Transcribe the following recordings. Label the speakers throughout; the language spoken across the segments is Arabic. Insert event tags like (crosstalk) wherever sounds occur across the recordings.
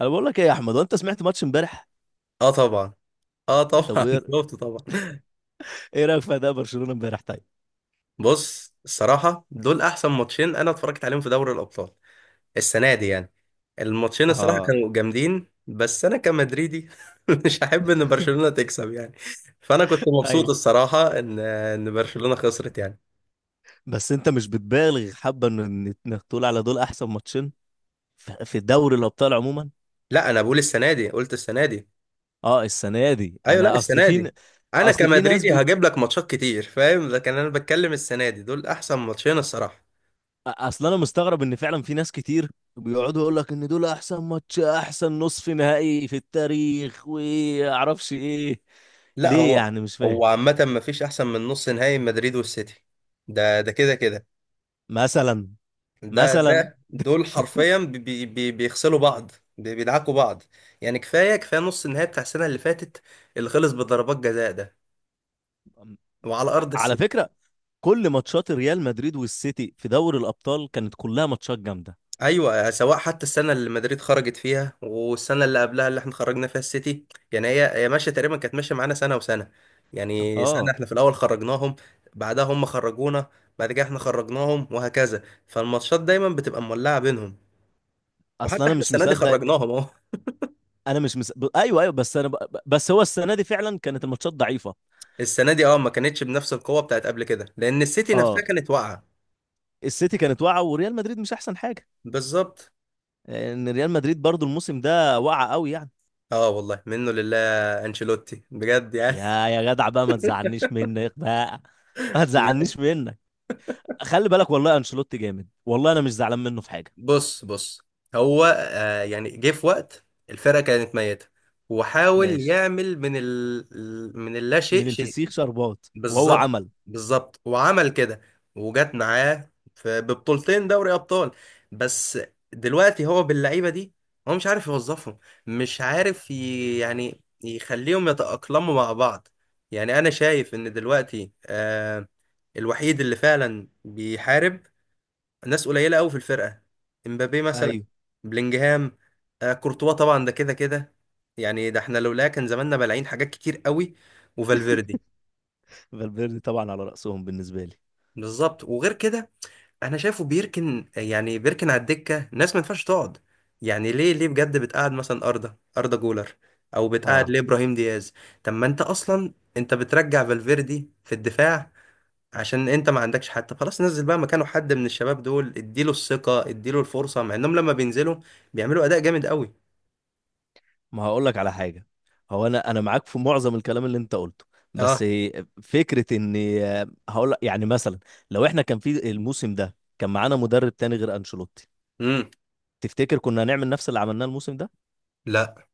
Speaker 1: انا بقول لك ايه يا احمد، وانت سمعت ماتش امبارح؟
Speaker 2: اه طبعا. اه طبعا
Speaker 1: طب
Speaker 2: (laughs)
Speaker 1: ايه،
Speaker 2: بالظبط طبعا.
Speaker 1: إيه رايك في اداء برشلونه امبارح؟ طيب.
Speaker 2: بص الصراحه دول احسن ماتشين انا اتفرجت عليهم في دوري الابطال السنه دي يعني. الماتشين الصراحه
Speaker 1: اه.
Speaker 2: كانوا جامدين، بس انا كمدريدي (laughs) مش هحب ان برشلونه تكسب يعني. فانا كنت
Speaker 1: اي،
Speaker 2: مبسوط الصراحه ان برشلونه خسرت يعني.
Speaker 1: بس انت مش بتبالغ حبه ان انك تقول على دول احسن ماتشين في دوري الابطال عموما؟
Speaker 2: لا انا بقول السنه دي، قلت السنه دي.
Speaker 1: اه، السنه دي
Speaker 2: ايوه، لا
Speaker 1: انا اصل
Speaker 2: السنه دي. انا
Speaker 1: اصل
Speaker 2: كمدريدي هجيب لك ماتشات كتير فاهم، لكن انا بتكلم السنه دي دول احسن ماتشين الصراحه.
Speaker 1: اصل انا مستغرب ان فعلا في ناس كتير بيقعدوا يقول لك ان دول احسن ماتش، احسن نصف نهائي في التاريخ، واعرفش ايه.
Speaker 2: لا
Speaker 1: ليه
Speaker 2: هو،
Speaker 1: يعني؟ مش
Speaker 2: هو
Speaker 1: فاهم.
Speaker 2: عامة ما فيش أحسن من نص نهائي مدريد والسيتي. ده كده كده.
Speaker 1: مثلا.
Speaker 2: ده
Speaker 1: مثلا
Speaker 2: ده دول
Speaker 1: (laughs)
Speaker 2: حرفيا بيغسلوا بعض. بيدعكوا بعض. يعني كفاية كفاية نص النهائي بتاع السنة اللي فاتت، اللي خلص بضربات جزاء ده، وعلى أرض
Speaker 1: على
Speaker 2: السيتي.
Speaker 1: فكرة، كل ماتشات ريال مدريد والسيتي في دوري الابطال كانت كلها ماتشات جامده.
Speaker 2: ايوه سواء حتى السنه اللي مدريد خرجت فيها والسنه اللي قبلها اللي احنا خرجنا فيها السيتي. يعني هي ماشيه، تقريبا كانت ماشيه معانا سنه وسنه. يعني سنه
Speaker 1: اه،
Speaker 2: احنا في الاول خرجناهم، بعدها هم خرجونا، بعد كده احنا خرجناهم، وهكذا. فالماتشات دايما بتبقى مولعه بينهم.
Speaker 1: اصل
Speaker 2: وحتى
Speaker 1: انا
Speaker 2: احنا
Speaker 1: مش
Speaker 2: السنه دي
Speaker 1: مصدق،
Speaker 2: خرجناهم اهو.
Speaker 1: انا مش مصدق ايوه ايوه، بس انا بس هو السنه دي فعلا كانت الماتشات ضعيفه.
Speaker 2: (laughs) السنه دي ما كانتش بنفس القوه بتاعت قبل كده، لان السيتي نفسها
Speaker 1: اه،
Speaker 2: كانت واقعه.
Speaker 1: السيتي كانت واقعه وريال مدريد مش احسن حاجه.
Speaker 2: بالظبط.
Speaker 1: ان ريال مدريد برضو الموسم ده واقعه قوي يعني.
Speaker 2: اه والله منه لله. انشيلوتي بجد يعني.
Speaker 1: يا جدع بقى، ما تزعلنيش منك بقى (laughs) ما
Speaker 2: (laughs)
Speaker 1: تزعلنيش منك. خلي بالك، والله انشيلوتي جامد، والله انا مش زعلان منه في حاجه.
Speaker 2: بص بص. هو يعني جه في وقت الفرقة كانت ميتة، وحاول
Speaker 1: ماشي.
Speaker 2: يعمل من من اللا شيء
Speaker 1: من
Speaker 2: شيء.
Speaker 1: الفسيخ شربات وهو
Speaker 2: بالظبط.
Speaker 1: عمل.
Speaker 2: بالظبط وعمل كده. وجت معاه ببطولتين دوري أبطال بس. دلوقتي هو باللعيبة دي هو مش عارف يوظفهم، مش عارف يعني يخليهم يتأقلموا مع بعض. يعني أنا شايف إن دلوقتي الوحيد اللي فعلا بيحارب ناس قليله قوي في الفرقه. امبابي مثلا،
Speaker 1: ايوه،
Speaker 2: بلينجهام، آه كورتوا طبعا ده كده كده. يعني ده احنا لولا كان زماننا بلاعين حاجات كتير قوي. وفالفيردي.
Speaker 1: فالفيردي طبعا على راسهم بالنسبه لي.
Speaker 2: بالظبط. وغير كده انا شايفه بيركن، يعني بيركن على الدكه ناس ما ينفعش تقعد. يعني ليه ليه بجد بتقعد مثلا اردا جولر؟ او بتقعد
Speaker 1: اه،
Speaker 2: ليه ابراهيم دياز؟ طب ما انت اصلا انت بترجع فالفيردي في الدفاع عشان انت ما عندكش حد. طب خلاص نزل بقى مكانه حد من الشباب دول، اديله الثقة اديله الفرصة، مع انهم لما بينزلوا بيعملوا اداء جامد قوي.
Speaker 1: ما هقول لك على حاجة. هو انا معاك في معظم الكلام اللي انت قلته، بس
Speaker 2: اه.
Speaker 1: فكرة ان، هقول لك يعني مثلا، لو احنا كان في الموسم ده كان معانا مدرب تاني غير انشيلوتي،
Speaker 2: امم.
Speaker 1: تفتكر كنا هنعمل نفس اللي عملناه الموسم ده،
Speaker 2: لا.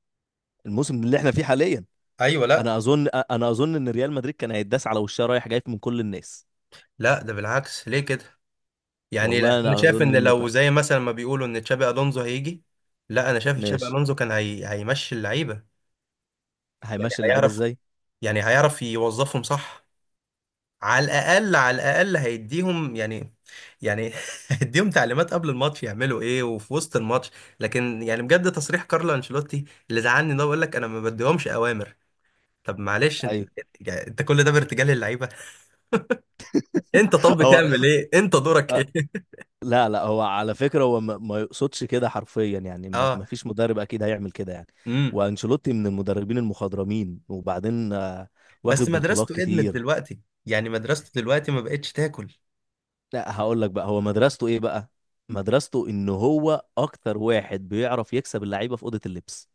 Speaker 1: الموسم اللي احنا فيه حاليا؟
Speaker 2: ايوه لا.
Speaker 1: انا اظن ان ريال مدريد كان هيتداس على وشها رايح جاي من كل الناس.
Speaker 2: لا ده بالعكس، ليه كده؟ يعني لا
Speaker 1: والله
Speaker 2: انا
Speaker 1: انا
Speaker 2: شايف
Speaker 1: اظن
Speaker 2: ان
Speaker 1: ان
Speaker 2: لو زي مثلا ما بيقولوا ان تشابي الونزو هيجي. لا انا شايف تشابي
Speaker 1: ماشي.
Speaker 2: الونزو كان هيمشي اللعيبة. يعني
Speaker 1: هيمشي اللعيبة
Speaker 2: هيعرف،
Speaker 1: ازاي؟
Speaker 2: يعني هيعرف يوظفهم صح. على الاقل على الاقل هيديهم يعني، يعني (laughs) هيديهم تعليمات قبل الماتش يعملوا ايه وفي وسط الماتش. لكن يعني بجد تصريح كارلو انشيلوتي اللي زعلني ده بيقول لك انا ما بديهمش اوامر. طب معلش انت
Speaker 1: ايوه
Speaker 2: (laughs) يعني انت كل ده بارتجال للعيبه؟ (laughs) انت طب
Speaker 1: (laughs) هو
Speaker 2: بتعمل ايه، انت دورك ايه؟
Speaker 1: لا لا، هو على فكرة هو ما يقصدش كده حرفيا يعني،
Speaker 2: (laughs)
Speaker 1: ما
Speaker 2: اه.
Speaker 1: ما فيش مدرب أكيد هيعمل كده يعني.
Speaker 2: امم.
Speaker 1: وأنشيلوتي من المدربين المخضرمين، وبعدين آه،
Speaker 2: بس
Speaker 1: واخد بطولات
Speaker 2: مدرسته ادمت
Speaker 1: كتير.
Speaker 2: دلوقتي. يعني مدرسته دلوقتي ما بقتش تاكل.
Speaker 1: لا هقول لك بقى هو مدرسته إيه بقى؟ مدرسته إن هو أكتر واحد بيعرف يكسب اللعيبة في أوضة اللبس،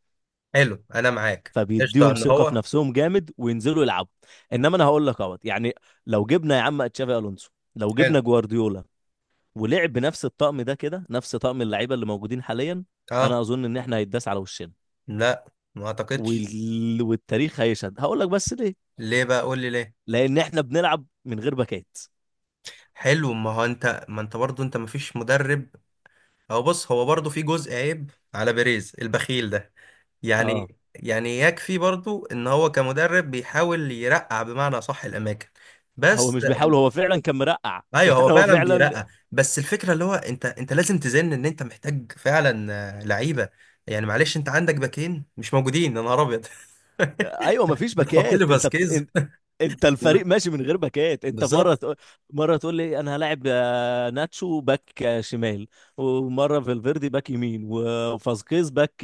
Speaker 2: حلو. انا معاك قشطه
Speaker 1: فبيديهم
Speaker 2: ان
Speaker 1: ثقة في
Speaker 2: هو.
Speaker 1: نفسهم جامد وينزلوا يلعبوا. إنما أنا هقول لك أهوت يعني، لو جبنا يا عم تشافي ألونسو، لو
Speaker 2: حلو.
Speaker 1: جبنا جوارديولا ولعب بنفس الطقم ده كده، نفس طقم اللعيبة اللي موجودين حاليا، أنا
Speaker 2: اه.
Speaker 1: أظن إن إحنا هيتداس على وشنا.
Speaker 2: لا ما اعتقدش.
Speaker 1: والتاريخ هيشهد. هقول لك بس ليه؟
Speaker 2: ليه بقى قول لي ليه؟
Speaker 1: لان احنا بنلعب من غير باكات.
Speaker 2: حلو. ما هو انت، ما انت برضه انت مفيش مدرب. او بص هو برضه في جزء عيب على بيريز البخيل ده.
Speaker 1: اه،
Speaker 2: يعني يعني يكفي برضه ان هو كمدرب بيحاول يرقع بمعنى صح الاماكن،
Speaker 1: هو
Speaker 2: بس.
Speaker 1: مش بيحاول، هو فعلا كان مرقع (laughs)
Speaker 2: ايوه هو
Speaker 1: يعني هو
Speaker 2: فعلا
Speaker 1: فعلا.
Speaker 2: بيرقع، بس الفكره اللي هو انت لازم تزن ان انت محتاج فعلا آه، لعيبه. يعني معلش انت عندك باكين مش موجودين، يا نهار ابيض. (laughs)
Speaker 1: ايوه مفيش
Speaker 2: بتحط لي
Speaker 1: باكات، انت
Speaker 2: فاسكيز.
Speaker 1: انت، انت الفريق
Speaker 2: (laughs)
Speaker 1: ماشي من غير باكات، انت مره
Speaker 2: بالظبط.
Speaker 1: تقول، مره تقول لي انا هلاعب آه، ناتشو باك آه، شمال، ومره فالفيردي باك يمين وفاسكيز باك.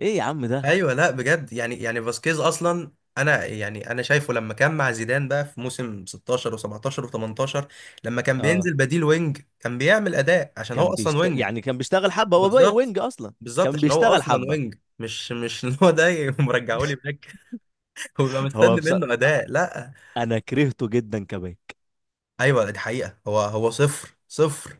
Speaker 1: ايه يا عم ده.
Speaker 2: ايوه لا بجد يعني، يعني فاسكيز اصلا، انا يعني انا شايفه لما كان مع زيدان بقى في موسم 16 و17 و18 لما كان
Speaker 1: اه،
Speaker 2: بينزل بديل وينج كان بيعمل اداء عشان هو
Speaker 1: كان
Speaker 2: اصلا وينج.
Speaker 1: يعني كان بيشتغل حبه هو
Speaker 2: بالظبط.
Speaker 1: وينج اصلا.
Speaker 2: بالظبط
Speaker 1: كان
Speaker 2: عشان هو
Speaker 1: بيشتغل
Speaker 2: اصلا
Speaker 1: حبه
Speaker 2: وينج، مش ان هو ده (laughs) مرجعه لي باك. (laughs) ويبقى
Speaker 1: هو.
Speaker 2: مستني منه اداء؟ لا.
Speaker 1: انا كرهته جدا كباك.
Speaker 2: ايوه دي حقيقه هو هو صفر صفر.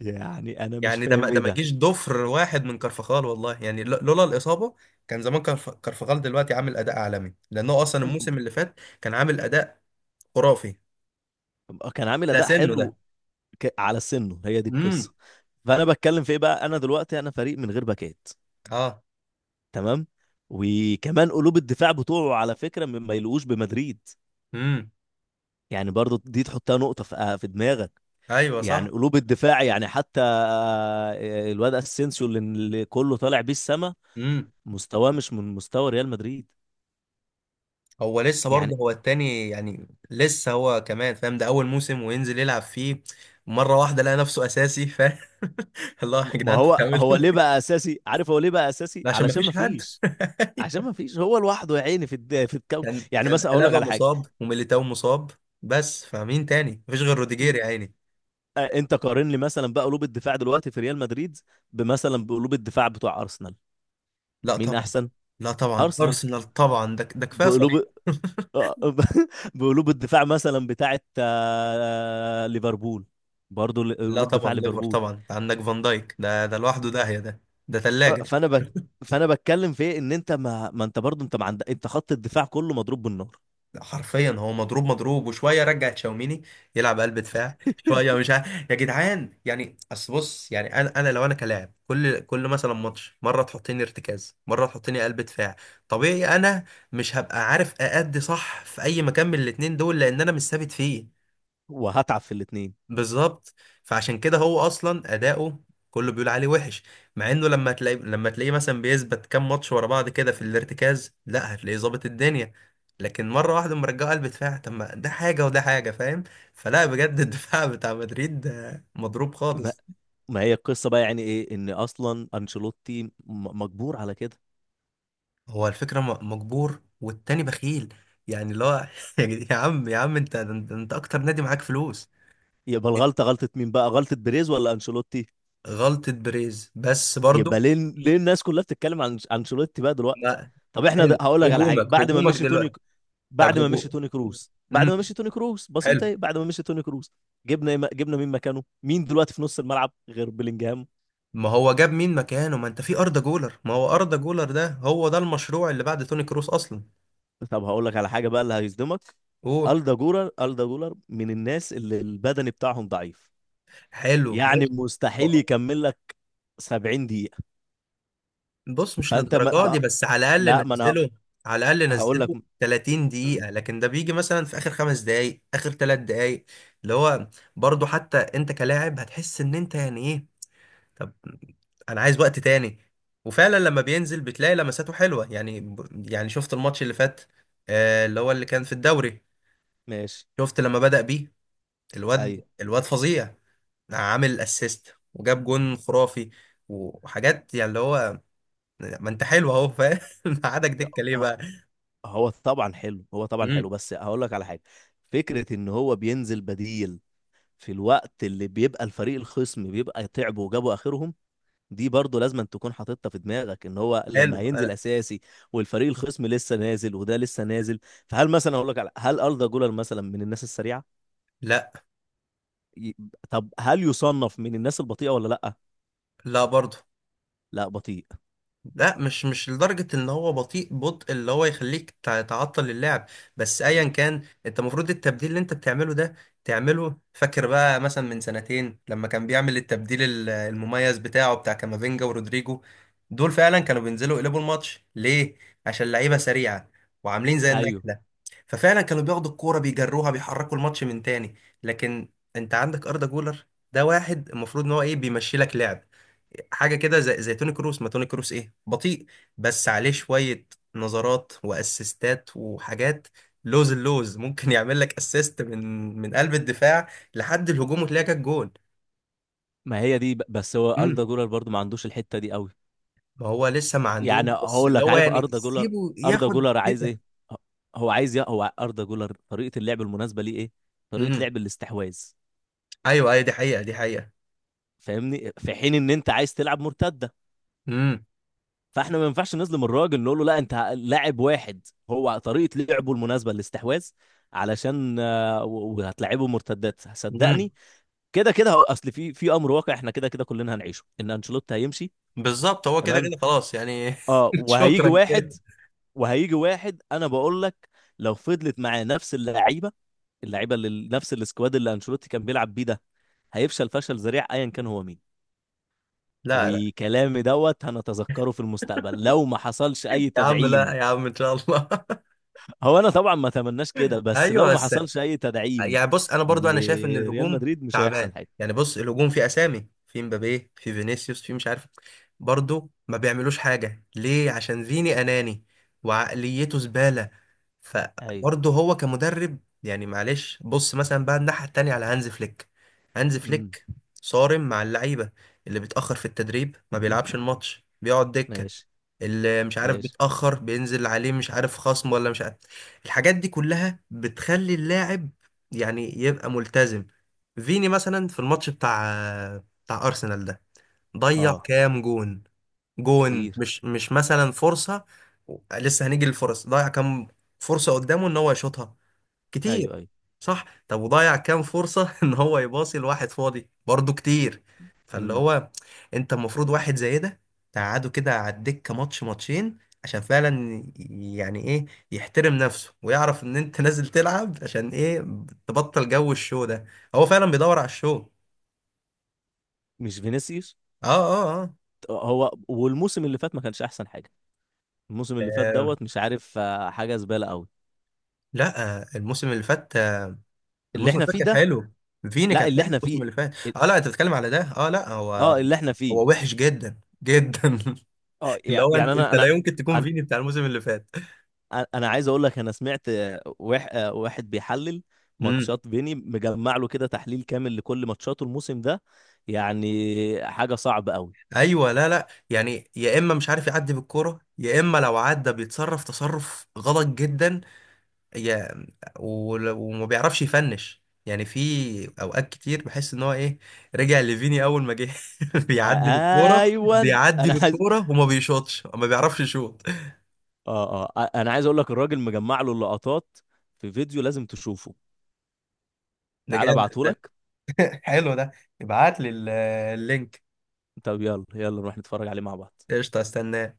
Speaker 1: يعني انا مش
Speaker 2: يعني ده ما
Speaker 1: فاهم
Speaker 2: ده
Speaker 1: ايه
Speaker 2: ما
Speaker 1: ده.
Speaker 2: جيش ضفر واحد من كارفخال، والله يعني لولا الاصابه كان زمان كارفخال دلوقتي عامل اداء عالمي، لانه اصلا
Speaker 1: أم- أم-
Speaker 2: الموسم اللي فات كان عامل اداء خرافي.
Speaker 1: آه، كان عامل
Speaker 2: ده
Speaker 1: اداء
Speaker 2: سنه ده.
Speaker 1: حلو. على سنه هي دي
Speaker 2: امم.
Speaker 1: القصه. فانا بتكلم في ايه بقى؟ انا دلوقتي انا فريق من غير باكات.
Speaker 2: اه.
Speaker 1: تمام. وكمان قلوب الدفاع بتوعه على فكره ما يلقوش بمدريد.
Speaker 2: امم.
Speaker 1: يعني برضو دي تحطها نقطه في آه، في دماغك.
Speaker 2: ايوه
Speaker 1: يعني
Speaker 2: صح.
Speaker 1: قلوب الدفاع، يعني حتى آه، الواد اسينسيو اللي كله طالع بيه السما،
Speaker 2: امم.
Speaker 1: مستواه مش من مستوى ريال مدريد.
Speaker 2: هو لسه
Speaker 1: يعني
Speaker 2: برضه هو التاني يعني، لسه هو كمان فاهم ده اول موسم وينزل يلعب فيه. مره واحده لقى نفسه اساسي فاهم. (laughs) الله يا
Speaker 1: ما
Speaker 2: جدعان انتوا
Speaker 1: هو
Speaker 2: بتعملوا
Speaker 1: هو ليه
Speaker 2: إيه؟
Speaker 1: بقى اساسي؟ عارف هو ليه بقى اساسي؟
Speaker 2: ده عشان ما
Speaker 1: علشان
Speaker 2: فيش
Speaker 1: ما
Speaker 2: حد.
Speaker 1: فيش. عشان
Speaker 2: (laughs)
Speaker 1: ما فيش، هو لوحده يا عيني في في الكوكب.
Speaker 2: كان
Speaker 1: يعني مثلا اقول لك
Speaker 2: قلابه
Speaker 1: على حاجه،
Speaker 2: مصاب وميليتاو مصاب، بس فمين تاني؟ مفيش غير روديجير يا عيني.
Speaker 1: آه، انت قارن لي مثلا بقى قلوب الدفاع دلوقتي في ريال مدريد بمثلا بقلوب الدفاع بتوع ارسنال،
Speaker 2: لا
Speaker 1: مين
Speaker 2: طبعا.
Speaker 1: احسن؟
Speaker 2: لا طبعا،
Speaker 1: ارسنال
Speaker 2: ارسنال طبعا، ده ده كفايه
Speaker 1: بقلوب
Speaker 2: صليبه. (laughs)
Speaker 1: آه، (laughs) بقلوب الدفاع مثلا بتاعت آه، ليفربول، برضو
Speaker 2: لا
Speaker 1: قلوب
Speaker 2: طبعا
Speaker 1: دفاع
Speaker 2: ليفر
Speaker 1: ليفربول.
Speaker 2: طبعا، عندك فان دايك ده ده لوحده داهيه ده، ده
Speaker 1: آه،
Speaker 2: ثلاجه.
Speaker 1: فانا بتكلم في إيه؟ ان انت ما انت برضو انت ما عندك انت، خط الدفاع كله مضروب بالنار.
Speaker 2: حرفيا هو مضروب، مضروب. وشويه رجع تشاوميني يلعب قلب دفاع، شويه مش عارف. يا جدعان يعني، اصل بص يعني انا لو انا كلاعب كل مثلا ماتش مره تحطني ارتكاز مره تحطني قلب دفاع، طبيعي انا مش هبقى عارف اادي صح في اي مكان من الاتنين دول، لان انا مش ثابت فيه.
Speaker 1: وهتعب في الاثنين.
Speaker 2: بالظبط. فعشان كده هو اصلا اداؤه كله بيقول عليه وحش، مع انه لما تلاقيه مثلا بيثبت كام ماتش ورا بعض كده في الارتكاز لا هتلاقيه ظابط الدنيا. لكن مره واحده مرجعه قلب دفاع، طب ما ده حاجه وده حاجه فاهم. فلا بجد الدفاع (laughs) بتاع مدريد ده مضروب
Speaker 1: ما...
Speaker 2: خالص.
Speaker 1: ما هي القصه بقى، يعني ايه ان اصلا انشيلوتي مجبور على كده.
Speaker 2: هو الفكره مجبور والتاني بخيل. يعني لا (laughs) يا عم، يا عم انت أنت اكتر نادي معاك فلوس.
Speaker 1: يبقى الغلطه غلطه مين بقى؟ غلطه بيريز ولا انشيلوتي؟
Speaker 2: غلطه بريز بس برضو.
Speaker 1: يبقى ليه الناس كلها بتتكلم عن انشيلوتي بقى دلوقتي؟
Speaker 2: لا.
Speaker 1: طب احنا
Speaker 2: حلو.
Speaker 1: هقول لك على حاجه.
Speaker 2: هجومك
Speaker 1: بعد ما
Speaker 2: هجومك
Speaker 1: مشي توني،
Speaker 2: دلوقتي. طب
Speaker 1: بعد ما مشي
Speaker 2: هجو-
Speaker 1: توني كروز، بعد ما
Speaker 2: امم.
Speaker 1: مشي توني كروز بسيطه،
Speaker 2: حلو.
Speaker 1: اهي بعد ما مشي توني كروز جبنا جبنا مين مكانه؟ مين دلوقتي في نص الملعب غير بيلينجهام؟
Speaker 2: ما هو جاب مين مكانه؟ ما انت في اردا جولر، ما هو اردا جولر ده هو ده المشروع اللي بعد توني كروس اصلا.
Speaker 1: طب هقول لك على حاجه بقى اللي هيصدمك،
Speaker 2: اوه.
Speaker 1: الدا جولر، الدا جولر من الناس اللي البدني بتاعهم ضعيف.
Speaker 2: حلو.
Speaker 1: يعني
Speaker 2: ماشي.
Speaker 1: مستحيل
Speaker 2: هو-
Speaker 1: يكمل لك 70 دقيقه.
Speaker 2: بص مش
Speaker 1: فانت ما...
Speaker 2: للدرجه دي،
Speaker 1: بقى-
Speaker 2: بس على الاقل
Speaker 1: لا ما انا
Speaker 2: نزله. على الاقل
Speaker 1: هقول لك.
Speaker 2: نزله 30 دقيقه، لكن ده بيجي مثلا في اخر 5 دقائق اخر 3 دقائق اللي هو، برضو حتى انت كلاعب هتحس ان انت يعني ايه. طب انا عايز وقت تاني. وفعلا لما بينزل بتلاقي لمساته حلوه يعني، يعني شفت الماتش اللي فات آه، اللي هو اللي كان في الدوري،
Speaker 1: ماشي.
Speaker 2: شفت لما بدأ بيه؟
Speaker 1: ايوه.
Speaker 2: الواد فظيع. عامل اسيست وجاب جون خرافي وحاجات، يعني اللي هو، ما انت حلو اهو فاهم. (laughs) ما عادك دكه ليه
Speaker 1: ه-
Speaker 2: بقى؟
Speaker 1: هو طبعا حلو، هو طبعا حلو،
Speaker 2: امم.
Speaker 1: بس هقول لك على حاجه. فكره ان هو بينزل بديل في الوقت اللي بيبقى الفريق الخصم بيبقى تعبوا وجابوا اخرهم، دي برضه لازم أن تكون حاططها في دماغك ان هو لما
Speaker 2: حلو.
Speaker 1: هينزل اساسي، والفريق الخصم لسه نازل وده لسه نازل. فهل مثلا اقول لك على، هل أردا جولر مثلا من الناس السريعه؟
Speaker 2: لا.
Speaker 1: ي- طب هل يصنف من الناس البطيئه ولا لا؟
Speaker 2: لا برضه.
Speaker 1: لا بطيء.
Speaker 2: لا مش لدرجة ان هو بطيء بطء اللي هو يخليك تعطل اللعب. بس ايا كان انت المفروض التبديل اللي انت بتعمله ده تعمله. فاكر بقى مثلا من سنتين لما كان بيعمل التبديل المميز بتاعه بتاع كامافينجا ورودريجو؟ دول فعلا كانوا بينزلوا يقلبوا الماتش. ليه؟ عشان لعيبة سريعة وعاملين زي
Speaker 1: ايوه،
Speaker 2: النحلة. ففعلا كانوا بياخدوا الكورة بيجروها بيحركوا الماتش من تاني. لكن انت عندك أردا جولر، ده واحد المفروض ان هو ايه، بيمشي لك لعب. حاجه كده زي زي توني كروس. ما توني كروس ايه، بطيء، بس عليه شويه نظرات واسيستات وحاجات. لوز اللوز ممكن (laughs) يعمل لك اسيست من قلب الدفاع لحد الهجوم، وتلاقي جت جون.
Speaker 1: ما هي دي بس هو أردا
Speaker 2: امم.
Speaker 1: جولر برضه ما عندوش الحته دي قوي.
Speaker 2: ما هو لسه ما عندوش،
Speaker 1: يعني
Speaker 2: بس
Speaker 1: هقول
Speaker 2: اللي
Speaker 1: لك،
Speaker 2: هو
Speaker 1: عارف
Speaker 2: يعني
Speaker 1: اردا جولر،
Speaker 2: سيبه
Speaker 1: اردا
Speaker 2: ياخد
Speaker 1: جولر عايز
Speaker 2: كده.
Speaker 1: ايه؟ هو عايز هو اردا جولر طريقه اللعب المناسبه ليه ايه؟ طريقه
Speaker 2: امم.
Speaker 1: لعب الاستحواذ.
Speaker 2: ايوه ايوه دي حقيقه دي حقيقه.
Speaker 1: فاهمني، في حين ان انت عايز تلعب مرتده،
Speaker 2: امم.
Speaker 1: فاحنا ما ينفعش نظلم الراجل نقول له لا، انت لاعب واحد هو طريقه لعبه المناسبه الاستحواذ. علشان آه، وهتلعبه مرتدات
Speaker 2: امم.
Speaker 1: صدقني. كده كده اصل في امر واقع، احنا كده كده كلنا هنعيشه ان انشيلوتي هيمشي.
Speaker 2: بالظبط. هو كده
Speaker 1: تمام.
Speaker 2: كده خلاص يعني.
Speaker 1: اه
Speaker 2: (laughs)
Speaker 1: وهيجي
Speaker 2: شكرا
Speaker 1: واحد،
Speaker 2: كده.
Speaker 1: وهيجي واحد انا بقول لك، لو فضلت معاه نفس اللعيبه، اللعيبه اللي نفس السكواد اللي انشيلوتي كان بيلعب بيه ده، هيفشل فشل ذريع ايا كان هو مين.
Speaker 2: لا لا
Speaker 1: وكلامي دوت هنتذكره في المستقبل لو ما حصلش
Speaker 2: يا
Speaker 1: اي
Speaker 2: عم، لا
Speaker 1: تدعيم.
Speaker 2: يا عم ان شاء الله.
Speaker 1: هو انا طبعا ما اتمناش كده،
Speaker 2: (laughs)
Speaker 1: بس لو
Speaker 2: ايوه
Speaker 1: ما
Speaker 2: بس
Speaker 1: حصلش اي تدعيم
Speaker 2: يعني بص، انا برضو انا شايف ان
Speaker 1: لريال
Speaker 2: الهجوم
Speaker 1: مدريد مش هيحصل
Speaker 2: تعبان،
Speaker 1: حاجه.
Speaker 2: يعني بص الهجوم فيه اسامي، في مبابي، في فينيسيوس، في مش عارف، برضو ما بيعملوش حاجه. ليه؟ عشان فيني اناني وعقليته زباله.
Speaker 1: ايوه.
Speaker 2: فبرضو هو كمدرب يعني معلش. بص مثلا بقى الناحيه التانيه على هانز فليك. هانز
Speaker 1: امم.
Speaker 2: فليك صارم مع اللعيبه. اللي بيتاخر في التدريب ما بيلعبش الماتش بيقعد دكه.
Speaker 1: ماشي.
Speaker 2: اللي مش عارف
Speaker 1: ماشي.
Speaker 2: بيتأخر بينزل عليه مش عارف خصم ولا مش عارف. الحاجات دي كلها بتخلي اللاعب يعني يبقى ملتزم. فيني مثلا في الماتش بتاع أرسنال ده ضيع
Speaker 1: اه.
Speaker 2: كام جون. جون
Speaker 1: كتير.
Speaker 2: مش مثلا فرصة، لسه هنيجي للفرص. ضيع كام فرصة قدامه ان هو يشوطها، كتير.
Speaker 1: ايوه ايوه.
Speaker 2: صح. طب وضيع كام فرصة (laughs) ان هو يباصي لواحد فاضي برضه كتير. فاللي
Speaker 1: امم.
Speaker 2: هو انت المفروض واحد زي ده تقعده كده على الدكة ماتش ماتشين، عشان فعلا يعني ايه، يحترم نفسه ويعرف ان انت (laughs) نازل تلعب عشان ايه. تبطل جو الشو ده، هو فعلا بيدور على الشو.
Speaker 1: مش فينيسيوس
Speaker 2: اه اه اه.
Speaker 1: هو، والموسم اللي فات ما كانش احسن حاجه، الموسم اللي فات
Speaker 2: آه،
Speaker 1: دوت مش عارف آه، حاجه زباله قوي.
Speaker 2: لا آه، الموسم اللي فات،
Speaker 1: اللي
Speaker 2: الموسم اللي
Speaker 1: احنا
Speaker 2: فات
Speaker 1: فيه
Speaker 2: كان
Speaker 1: ده.
Speaker 2: حلو. فيني
Speaker 1: لا
Speaker 2: كان
Speaker 1: اللي
Speaker 2: حلو
Speaker 1: احنا
Speaker 2: الموسم
Speaker 1: فيه،
Speaker 2: اللي فات.
Speaker 1: ال-
Speaker 2: اه، لا انت بتتكلم على ده. اه لا هو
Speaker 1: اه اللي احنا فيه.
Speaker 2: هو وحش جدا جدا.
Speaker 1: اه
Speaker 2: (laughs) اللي هو
Speaker 1: يعني
Speaker 2: انت
Speaker 1: انا
Speaker 2: لا
Speaker 1: انا
Speaker 2: يمكن تكون فيني بتاع الموسم اللي فات.
Speaker 1: انا انا عايز اقول لك، انا سمعت آه، آه، واحد بيحلل
Speaker 2: امم.
Speaker 1: ماتشات فيني، مجمع له كده تحليل كامل لكل ماتشاته الموسم ده. يعني حاجه صعبه قوي.
Speaker 2: ايوه لا لا يعني، يا اما مش عارف يعدي بالكوره، يا اما لو عدى بيتصرف تصرف غلط جدا. يا وما بيعرفش يفنش. يعني في اوقات كتير بحس ان هو ايه، رجع لفيني اول ما جه. (laughs) بيعدي بالكوره،
Speaker 1: ايوه
Speaker 2: بيعدي
Speaker 1: انا عايز
Speaker 2: بالكوره،
Speaker 1: (laughs)
Speaker 2: وما بيشوطش، ما بيعرفش يشوط.
Speaker 1: اه اه انا عايز اقول لك الراجل مجمع له اللقطات في فيديو لازم تشوفه.
Speaker 2: ده
Speaker 1: تعال
Speaker 2: جامد
Speaker 1: ابعته
Speaker 2: ده.
Speaker 1: لك.
Speaker 2: حلو ده. ابعت لي اللينك.
Speaker 1: طب يلا يلا نروح نتفرج عليه مع بعض.
Speaker 2: قشطه استناه.